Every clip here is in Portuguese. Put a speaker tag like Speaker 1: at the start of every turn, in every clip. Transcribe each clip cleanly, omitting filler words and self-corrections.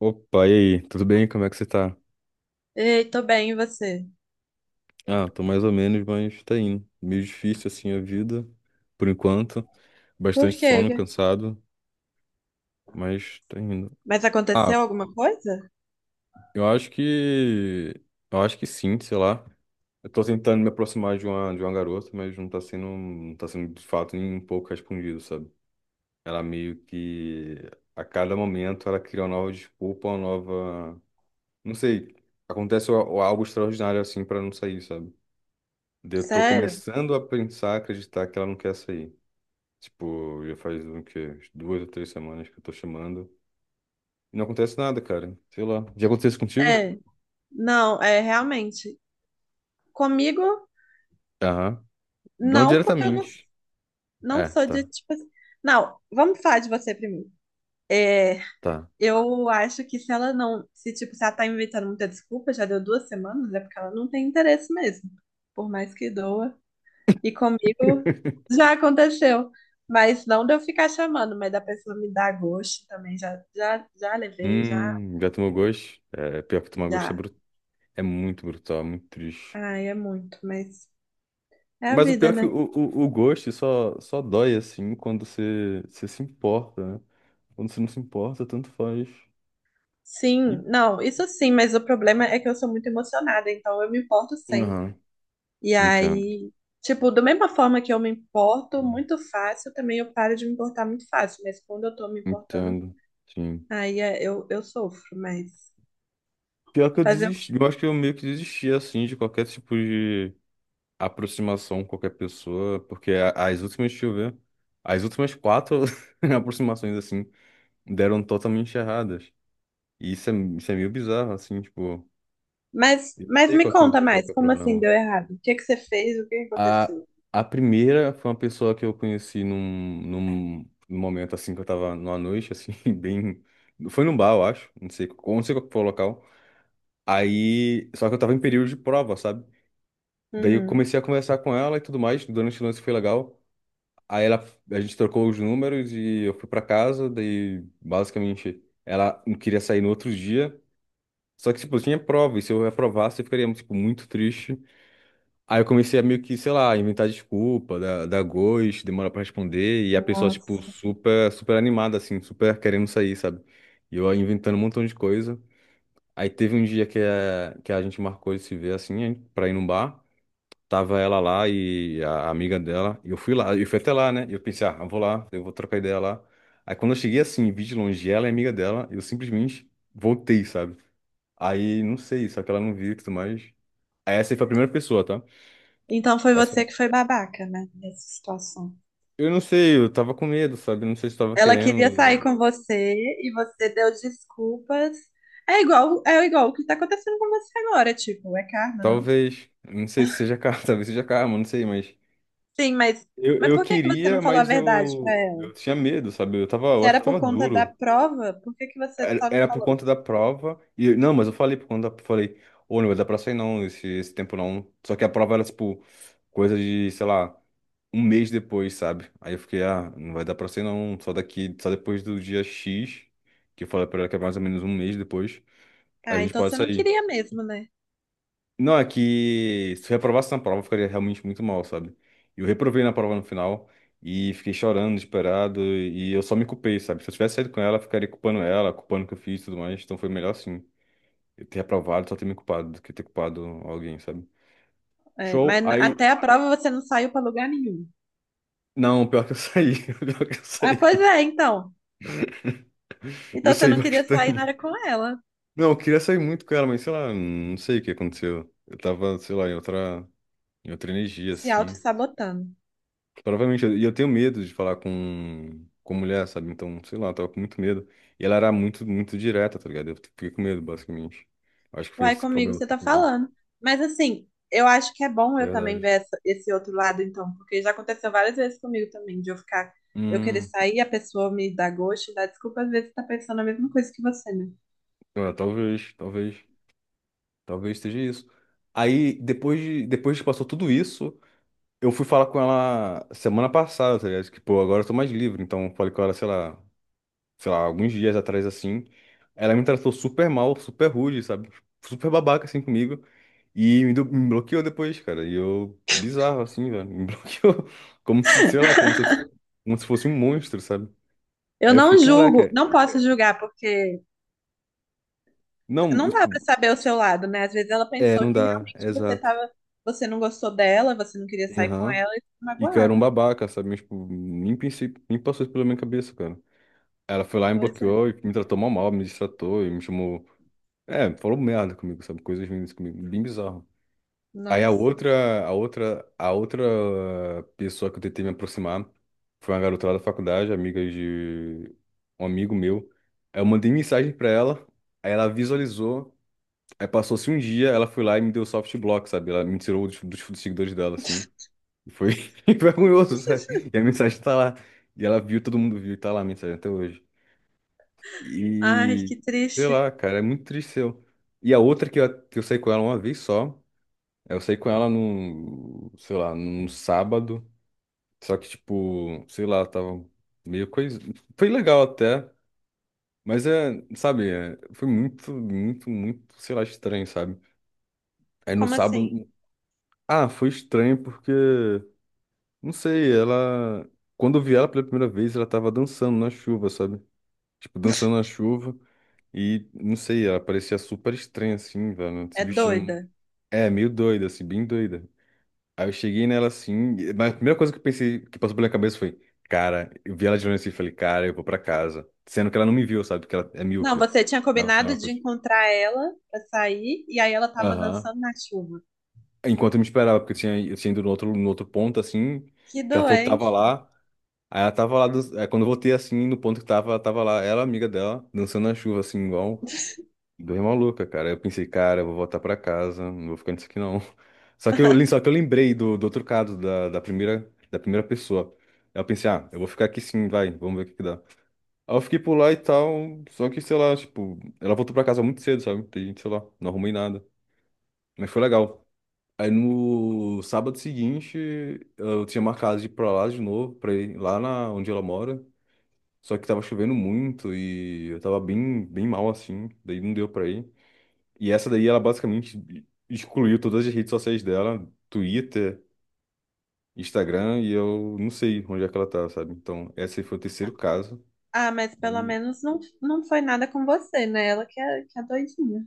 Speaker 1: Opa, e aí? Tudo bem? Como é que você tá?
Speaker 2: Ei, tô bem, e você?
Speaker 1: Ah, tô mais ou menos, mas tá indo. Meio difícil assim a vida, por enquanto.
Speaker 2: Por
Speaker 1: Bastante
Speaker 2: quê?
Speaker 1: sono, cansado, mas tá indo.
Speaker 2: Mas
Speaker 1: Ah,
Speaker 2: aconteceu alguma coisa?
Speaker 1: eu acho que. Eu acho que sim, sei lá. Eu tô tentando me aproximar de uma garota, mas não tá sendo de fato nem um pouco respondido, sabe? Ela meio que a cada momento ela cria uma nova desculpa, não sei, acontece o algo extraordinário assim pra não sair, sabe? Daí eu tô
Speaker 2: Sério?
Speaker 1: começando a pensar, acreditar que ela não quer sair. Tipo, já faz o quê? Umas duas ou três semanas que eu tô chamando. E não acontece nada, cara. Sei lá. Já aconteceu isso contigo?
Speaker 2: É, não, é realmente. Comigo,
Speaker 1: Aham. Não
Speaker 2: não, porque eu não,
Speaker 1: diretamente.
Speaker 2: não
Speaker 1: É,
Speaker 2: sou de
Speaker 1: tá,
Speaker 2: tipo. Não, vamos falar de você primeiro. É,
Speaker 1: tá.
Speaker 2: eu acho que se ela não. Se, tipo, se ela tá inventando muita desculpa, já deu duas semanas, é porque ela não tem interesse mesmo. Por mais que doa. E comigo já aconteceu. Mas não de eu ficar chamando, mas da pessoa me dar gosto também. Já levei, já.
Speaker 1: Já tomou gosto? É, pior que tomar gosto é,
Speaker 2: Já.
Speaker 1: é muito brutal, é muito triste.
Speaker 2: Ai, é muito, mas é a
Speaker 1: Mas o
Speaker 2: vida,
Speaker 1: pior é que
Speaker 2: né?
Speaker 1: o gosto só dói, assim, quando você se importa, né? Quando você não se importa, tanto faz. E...
Speaker 2: Sim, não, isso sim, mas o problema é que eu sou muito emocionada, então eu me importo sempre.
Speaker 1: Aham,
Speaker 2: E
Speaker 1: entendo.
Speaker 2: aí, tipo, da mesma forma que eu me importo muito fácil, também eu paro de me importar muito fácil, mas quando eu tô me importando,
Speaker 1: Entendo, sim.
Speaker 2: eu sofro, mas
Speaker 1: Pior que eu
Speaker 2: fazer o quê?
Speaker 1: desisti, eu acho que eu meio que desisti assim de qualquer tipo de aproximação com qualquer pessoa, porque as últimas, deixa eu ver, as últimas quatro aproximações assim deram totalmente erradas. E isso é meio bizarro, assim, tipo,
Speaker 2: Mas,
Speaker 1: eu não
Speaker 2: mas
Speaker 1: sei
Speaker 2: me conta
Speaker 1: qual que
Speaker 2: mais,
Speaker 1: é o
Speaker 2: como assim
Speaker 1: problema.
Speaker 2: deu errado? O que que você fez? O que que
Speaker 1: A,
Speaker 2: aconteceu?
Speaker 1: a primeira foi uma pessoa que eu conheci num momento assim que eu tava numa noite, assim, bem. Foi num bar, eu acho, não sei qual que foi o local. Aí, só que eu tava em período de prova, sabe? Daí eu
Speaker 2: Uhum.
Speaker 1: comecei a conversar com ela e tudo mais, durante o lance foi legal. Aí a gente trocou os números e eu fui pra casa, daí basicamente ela não queria sair no outro dia. Só que, tipo, eu tinha prova, e se eu reprovasse, eu ficaria, tipo, muito triste. Aí eu comecei a meio que, sei lá, inventar desculpa, dar ghost, demora pra responder, e a pessoa, tipo,
Speaker 2: Nossa.
Speaker 1: super, super animada, assim, super querendo sair, sabe? E eu inventando um montão de coisa. Aí teve um dia que a gente marcou de se ver, assim, pra ir num bar. Tava ela lá e a amiga dela. E eu fui lá, eu fui até lá, né? E eu pensei, ah, eu vou lá, eu vou trocar ideia lá. Aí quando eu cheguei assim, vi de longe ela e a amiga dela, eu simplesmente voltei, sabe? Aí, não sei, só que ela não viu e tudo mais. Aí essa aí foi a primeira pessoa, tá?
Speaker 2: Então foi
Speaker 1: Essa
Speaker 2: você
Speaker 1: foi-
Speaker 2: que foi babaca, né, nessa situação.
Speaker 1: Eu não sei, eu tava com medo, sabe? Não sei se eu tava
Speaker 2: Ela queria sair
Speaker 1: querendo.
Speaker 2: com você e você deu desculpas. É igual o que tá acontecendo com você agora, tipo, é karma, não?
Speaker 1: Talvez. Não sei se seja karma, talvez seja karma, não sei, mas.
Speaker 2: Sim,
Speaker 1: Eu,
Speaker 2: mas
Speaker 1: eu
Speaker 2: por que que você
Speaker 1: queria,
Speaker 2: não falou a
Speaker 1: mas
Speaker 2: verdade pra
Speaker 1: eu,
Speaker 2: ela?
Speaker 1: eu tinha medo, sabe? Eu tava, eu
Speaker 2: Se
Speaker 1: acho que eu
Speaker 2: era
Speaker 1: tava
Speaker 2: por conta da
Speaker 1: duro.
Speaker 2: prova, por que que você
Speaker 1: Era
Speaker 2: só não
Speaker 1: era por
Speaker 2: falou?
Speaker 1: conta da prova. E, não, mas eu falei falei, ô, não vai dar pra sair não, esse tempo não. Só que a prova era, tipo, coisa de, sei lá, um mês depois, sabe? Aí eu fiquei, ah, não vai dar pra sair não, só depois do dia X, que eu falei pra ela que é mais ou menos um mês depois, a
Speaker 2: Ah,
Speaker 1: gente
Speaker 2: então
Speaker 1: pode
Speaker 2: você não
Speaker 1: sair.
Speaker 2: queria mesmo, né?
Speaker 1: Não, é que se eu reprovasse na prova, eu ficaria realmente muito mal, sabe? Eu reprovei na prova no final e fiquei chorando, desesperado, e eu só me culpei, sabe? Se eu tivesse saído com ela, eu ficaria culpando ela, culpando o que eu fiz e tudo mais, então foi melhor assim. Ter aprovado só ter me culpado do que ter culpado alguém, sabe?
Speaker 2: É, mas
Speaker 1: Show, aí.
Speaker 2: até a prova você não saiu pra lugar nenhum.
Speaker 1: Não, pior que eu saí. Pior que eu
Speaker 2: Ah, pois
Speaker 1: saí.
Speaker 2: é, então.
Speaker 1: Eu
Speaker 2: Então você
Speaker 1: saí
Speaker 2: não queria sair na hora
Speaker 1: bastante.
Speaker 2: com ela,
Speaker 1: Não, eu queria sair muito com ela, mas sei lá, não sei o que aconteceu. Eu tava, sei lá, em outra energia,
Speaker 2: se
Speaker 1: assim.
Speaker 2: auto-sabotando.
Speaker 1: Provavelmente, e eu tenho medo de falar com mulher, sabe? Então, sei lá, eu tava com muito medo. E ela era muito, muito direta, tá ligado? Eu fiquei com medo, basicamente. Acho que foi
Speaker 2: Uai,
Speaker 1: esse
Speaker 2: comigo
Speaker 1: problema que
Speaker 2: você
Speaker 1: eu
Speaker 2: tá
Speaker 1: fiquei com medo.
Speaker 2: falando. Mas assim, eu acho que é bom
Speaker 1: De
Speaker 2: eu também
Speaker 1: verdade.
Speaker 2: ver esse outro lado, então, porque já aconteceu várias vezes comigo também, de eu ficar, eu querer
Speaker 1: Hum,
Speaker 2: sair, a pessoa me dá gosto, dá desculpa, às vezes tá pensando a mesma coisa que você, né?
Speaker 1: é, talvez, talvez. Talvez seja isso. Aí, depois que passou tudo isso, eu fui falar com ela semana passada, tá ligado? Que, pô, agora eu tô mais livre. Então, falei com ela, sei lá, alguns dias atrás, assim. Ela me tratou super mal, super rude, sabe? Super babaca, assim, comigo. E me bloqueou depois, cara. E eu, bizarro, assim, velho. Me bloqueou. Como se, sei lá, como se fosse um monstro, sabe?
Speaker 2: Eu
Speaker 1: Aí eu
Speaker 2: não
Speaker 1: fiquei,
Speaker 2: julgo,
Speaker 1: caraca.
Speaker 2: não posso julgar, porque
Speaker 1: Não,
Speaker 2: não dá pra
Speaker 1: tipo,
Speaker 2: saber o seu lado, né? Às vezes ela
Speaker 1: é,
Speaker 2: pensou
Speaker 1: não
Speaker 2: que
Speaker 1: dá,
Speaker 2: realmente você
Speaker 1: exato.
Speaker 2: tava, você não gostou dela, você não queria sair com
Speaker 1: Aham.
Speaker 2: ela e ficou
Speaker 1: E, cara, um
Speaker 2: magoada.
Speaker 1: babaca, sabe? Mas, tipo, nem pensei, nem passou isso pela minha cabeça, cara. Ela foi lá e me
Speaker 2: Pois
Speaker 1: bloqueou
Speaker 2: é.
Speaker 1: e me tratou mal, mal, me destratou e me chamou. É, falou merda comigo, sabe? Coisas ruins comigo, bem bizarro. Aí a
Speaker 2: Nossa.
Speaker 1: outra, a outra, a outra pessoa que eu tentei me aproximar foi uma garota lá da faculdade, amiga de um amigo meu. Aí eu mandei mensagem pra ela, aí ela visualizou, aí passou-se um dia, ela foi lá e me deu soft block, sabe? Ela me tirou dos seguidores dela, assim. E foi e foi vergonhoso, sabe? E a mensagem tá lá. E ela viu, todo mundo viu, e tá lá a mensagem até hoje.
Speaker 2: Ai,
Speaker 1: E
Speaker 2: que
Speaker 1: sei
Speaker 2: triste.
Speaker 1: lá, cara, é muito triste eu. E a outra que eu saí com ela uma vez só, eu saí com ela sei lá, num sábado. Só que, tipo, sei lá, tava meio coisa. Foi legal até, mas é, sabe, é, foi muito, muito, muito, sei lá, estranho, sabe? Aí no
Speaker 2: Como assim?
Speaker 1: sábado. Ah, foi estranho porque. Não sei, ela. Quando eu vi ela pela primeira vez, ela tava dançando na chuva, sabe? Tipo, dançando na chuva. E, não sei, ela parecia super estranha, assim, velho.
Speaker 2: É
Speaker 1: Se vestindo.
Speaker 2: doida.
Speaker 1: É, meio doida, assim, bem doida. Aí eu cheguei nela assim, mas a primeira coisa que eu pensei, que passou pela minha cabeça foi, cara, eu vi ela de longe assim e falei, cara, eu vou pra casa. Sendo que ela não me viu, sabe? Porque ela é
Speaker 2: Não,
Speaker 1: míope.
Speaker 2: você tinha
Speaker 1: Tava sem
Speaker 2: combinado de
Speaker 1: óculos.
Speaker 2: encontrar ela pra sair e aí ela tava
Speaker 1: Aham.
Speaker 2: dançando na chuva.
Speaker 1: Enquanto eu me esperava, porque eu tinha ido no outro ponto, assim,
Speaker 2: Que
Speaker 1: que ela falou que tava
Speaker 2: doença.
Speaker 1: lá. Aí ela tava lá, aí quando eu voltei assim, no ponto que tava, ela tava lá, ela, amiga dela, dançando na chuva, assim, igual dois maluca, cara. Aí eu pensei, cara, eu vou voltar pra casa, não vou ficar nisso aqui não. Só que eu lembrei do outro caso, da primeira pessoa. Aí eu pensei, ah, eu vou ficar aqui sim, vai, vamos ver o que que dá. Aí eu fiquei por lá e tal, só que, sei lá, tipo, ela voltou pra casa muito cedo, sabe? Tem, sei lá, não arrumei nada. Mas foi legal. Aí no sábado seguinte, eu tinha marcado de ir pra lá de novo, pra ir lá na, onde ela mora. Só que tava chovendo muito e eu tava bem, bem mal assim, daí não deu pra ir. E essa daí ela basicamente excluiu todas as redes sociais dela, Twitter, Instagram, e eu não sei onde é que ela tá, sabe? Então, esse aí foi o terceiro caso.
Speaker 2: Ah, mas pelo
Speaker 1: E,
Speaker 2: menos não, não foi nada com você, né? Ela que é doidinha.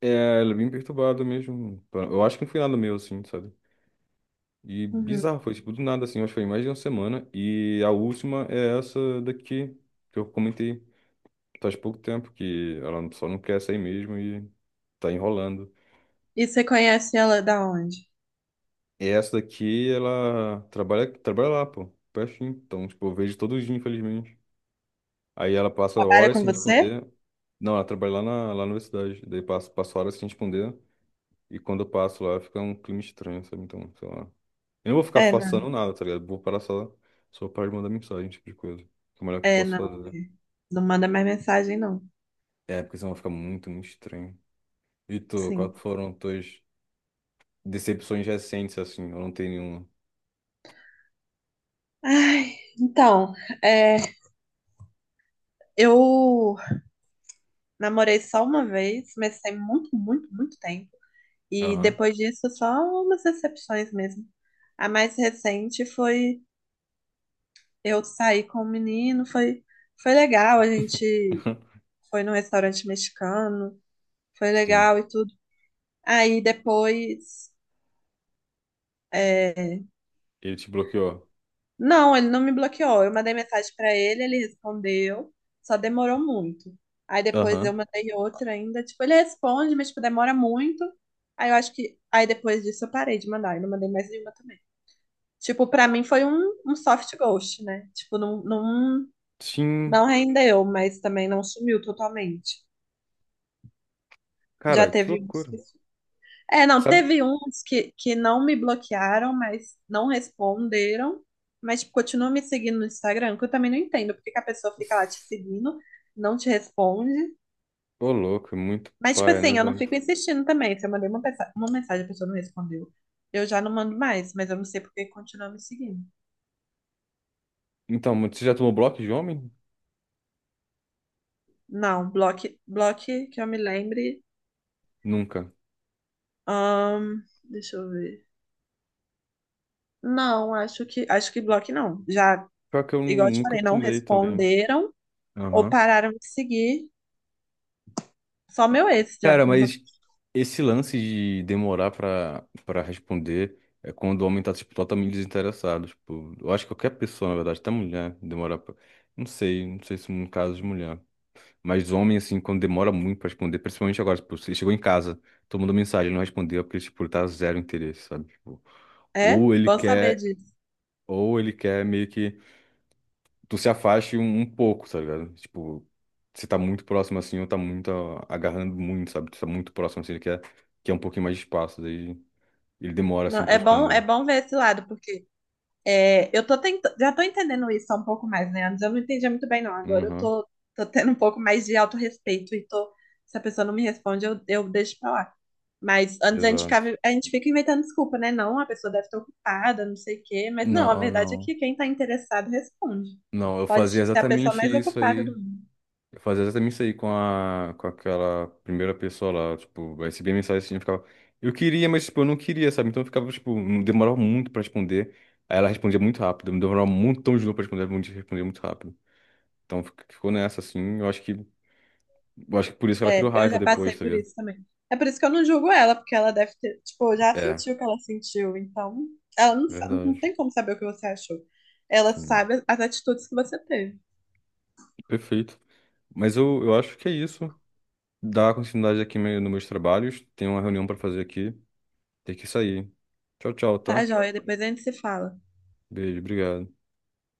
Speaker 1: é, ela é bem perturbada mesmo. Eu acho que não foi nada meu, assim, sabe? E
Speaker 2: Uhum.
Speaker 1: bizarro, foi tipo do nada, assim, eu acho que foi mais de uma semana. E a última é essa daqui, que eu comentei faz pouco tempo, que ela só não quer sair mesmo e tá enrolando.
Speaker 2: E você conhece ela da onde?
Speaker 1: E essa daqui, ela trabalha lá, pô, pertinho. Então, tipo, eu vejo todo dia, infelizmente. Aí ela passa
Speaker 2: Trabalha
Speaker 1: horas
Speaker 2: com
Speaker 1: sem
Speaker 2: você?
Speaker 1: responder. Não, ela trabalha lá na universidade. Daí passa horas sem responder. E quando eu passo lá, fica um clima estranho, sabe? Então, sei lá. Eu não vou ficar
Speaker 2: É,
Speaker 1: façando
Speaker 2: não.
Speaker 1: nada, tá ligado? Vou parar só para de mandar mensagem, esse tipo de coisa. Que é o melhor que eu
Speaker 2: É,
Speaker 1: posso
Speaker 2: não. É.
Speaker 1: fazer.
Speaker 2: Não manda mais mensagem, não.
Speaker 1: É, porque senão vai ficar muito, muito estranho. E tu,
Speaker 2: Sim.
Speaker 1: quais foram tuas decepções recentes, assim? Eu não tenho nenhuma.
Speaker 2: Ai, então, é, eu namorei só uma vez, mas tem muito, muito, muito tempo. E
Speaker 1: Aham.
Speaker 2: depois disso, só umas decepções mesmo. A mais recente foi eu sair com um menino, foi, foi legal, a gente foi num restaurante mexicano, foi
Speaker 1: Sim.
Speaker 2: legal e tudo. Aí depois é,
Speaker 1: Ele te bloqueou.
Speaker 2: não, ele não me bloqueou. Eu mandei mensagem pra ele, ele respondeu, só demorou muito. Aí depois eu
Speaker 1: Aham.
Speaker 2: mandei outra ainda, tipo, ele responde, mas tipo, demora muito. Aí eu acho que aí depois disso eu parei de mandar, eu não mandei mais nenhuma também. Tipo, pra mim foi um soft ghost, né? Tipo, não, não,
Speaker 1: Sim,
Speaker 2: não rendeu, mas também não sumiu totalmente. Já
Speaker 1: cara, que
Speaker 2: teve uns
Speaker 1: loucura.
Speaker 2: que é, não,
Speaker 1: Sabe?
Speaker 2: teve uns que não me bloquearam, mas não responderam, mas tipo, continuam me seguindo no Instagram, que eu também não entendo porque que a pessoa fica lá te
Speaker 1: S-
Speaker 2: seguindo, não te responde.
Speaker 1: Ô, louco, é muito
Speaker 2: Mas, tipo
Speaker 1: paia, né,
Speaker 2: assim, eu não
Speaker 1: velho?
Speaker 2: fico insistindo também. Se eu mandei uma, uma mensagem e a pessoa não respondeu, eu já não mando mais, mas eu não sei por que continua me seguindo.
Speaker 1: Então, mas você já tomou bloco de homem?
Speaker 2: Não, bloque, bloque que eu me lembre.
Speaker 1: Nunca.
Speaker 2: ahn, deixa eu ver. Não, acho que bloque não. Já,
Speaker 1: Pior que eu
Speaker 2: igual eu te
Speaker 1: nunca
Speaker 2: falei, não
Speaker 1: tomei também.
Speaker 2: responderam ou
Speaker 1: Aham.
Speaker 2: pararam de seguir. Só meu ex, já
Speaker 1: Cara,
Speaker 2: que não tô aqui.
Speaker 1: mas esse lance de demorar pra responder é quando o homem tá, tipo, totalmente desinteressado. Tipo, eu acho que qualquer pessoa, na verdade, até mulher, demorar pra. Não sei, não sei se no caso de mulher. Mas homem, assim, quando demora muito pra responder, principalmente agora, tipo, você chegou em casa, tomando mensagem, ele não respondeu é porque, tipo, ele tá zero interesse, sabe? Tipo,
Speaker 2: É?
Speaker 1: Ou ele
Speaker 2: Bom saber
Speaker 1: quer,
Speaker 2: disso.
Speaker 1: ou ele quer meio que tu se afaste um pouco, tá ligado? Tipo, você tá muito próximo assim, ou tá muito ó, agarrando muito, sabe? Tu tá muito próximo assim, ele quer um pouquinho mais de espaço, daí ele demora
Speaker 2: Não,
Speaker 1: assim pra
Speaker 2: é
Speaker 1: responder.
Speaker 2: bom ver esse lado, porque é, eu tô tentando, já tô entendendo isso há um pouco mais, né? Antes eu não entendia muito bem, não. Agora eu
Speaker 1: Uhum,
Speaker 2: tô, tô tendo um pouco mais de autorrespeito e tô, se a pessoa não me responde, eu deixo pra lá. Mas antes a gente
Speaker 1: exato.
Speaker 2: ficava, a gente fica inventando desculpa, né? Não, a pessoa deve estar ocupada, não sei o quê. Mas não, a
Speaker 1: Não,
Speaker 2: verdade é
Speaker 1: não.
Speaker 2: que quem tá interessado responde.
Speaker 1: Não, eu
Speaker 2: Pode
Speaker 1: fazia
Speaker 2: ser a pessoa
Speaker 1: exatamente
Speaker 2: mais
Speaker 1: isso
Speaker 2: ocupada
Speaker 1: aí.
Speaker 2: do mundo.
Speaker 1: Eu fazia exatamente isso aí com aquela primeira pessoa lá, tipo, eu recebia mensagem assim, eu ficava, eu queria, mas, tipo, eu não queria, sabe? Então eu ficava, tipo, demorava muito pra responder, aí ela respondia muito rápido, me demorava um montão de novo pra responder, ela respondia muito rápido. Então ficou nessa, assim, eu acho que por isso que ela
Speaker 2: É,
Speaker 1: criou
Speaker 2: eu
Speaker 1: raiva
Speaker 2: já
Speaker 1: depois,
Speaker 2: passei
Speaker 1: tá
Speaker 2: por
Speaker 1: ligado?
Speaker 2: isso também. É por isso que eu não julgo ela, porque ela deve ter, tipo, já
Speaker 1: É,
Speaker 2: sentiu o que ela sentiu, então ela não, não
Speaker 1: verdade,
Speaker 2: tem como saber o que você achou. Ela
Speaker 1: sim,
Speaker 2: sabe as atitudes que você teve.
Speaker 1: perfeito. Mas eu acho que é isso, dá continuidade aqui nos meus trabalhos, tem uma reunião pra fazer aqui, tem que sair. Tchau, tchau,
Speaker 2: Tá,
Speaker 1: tá?
Speaker 2: joia? Depois a gente se fala.
Speaker 1: Beijo, obrigado.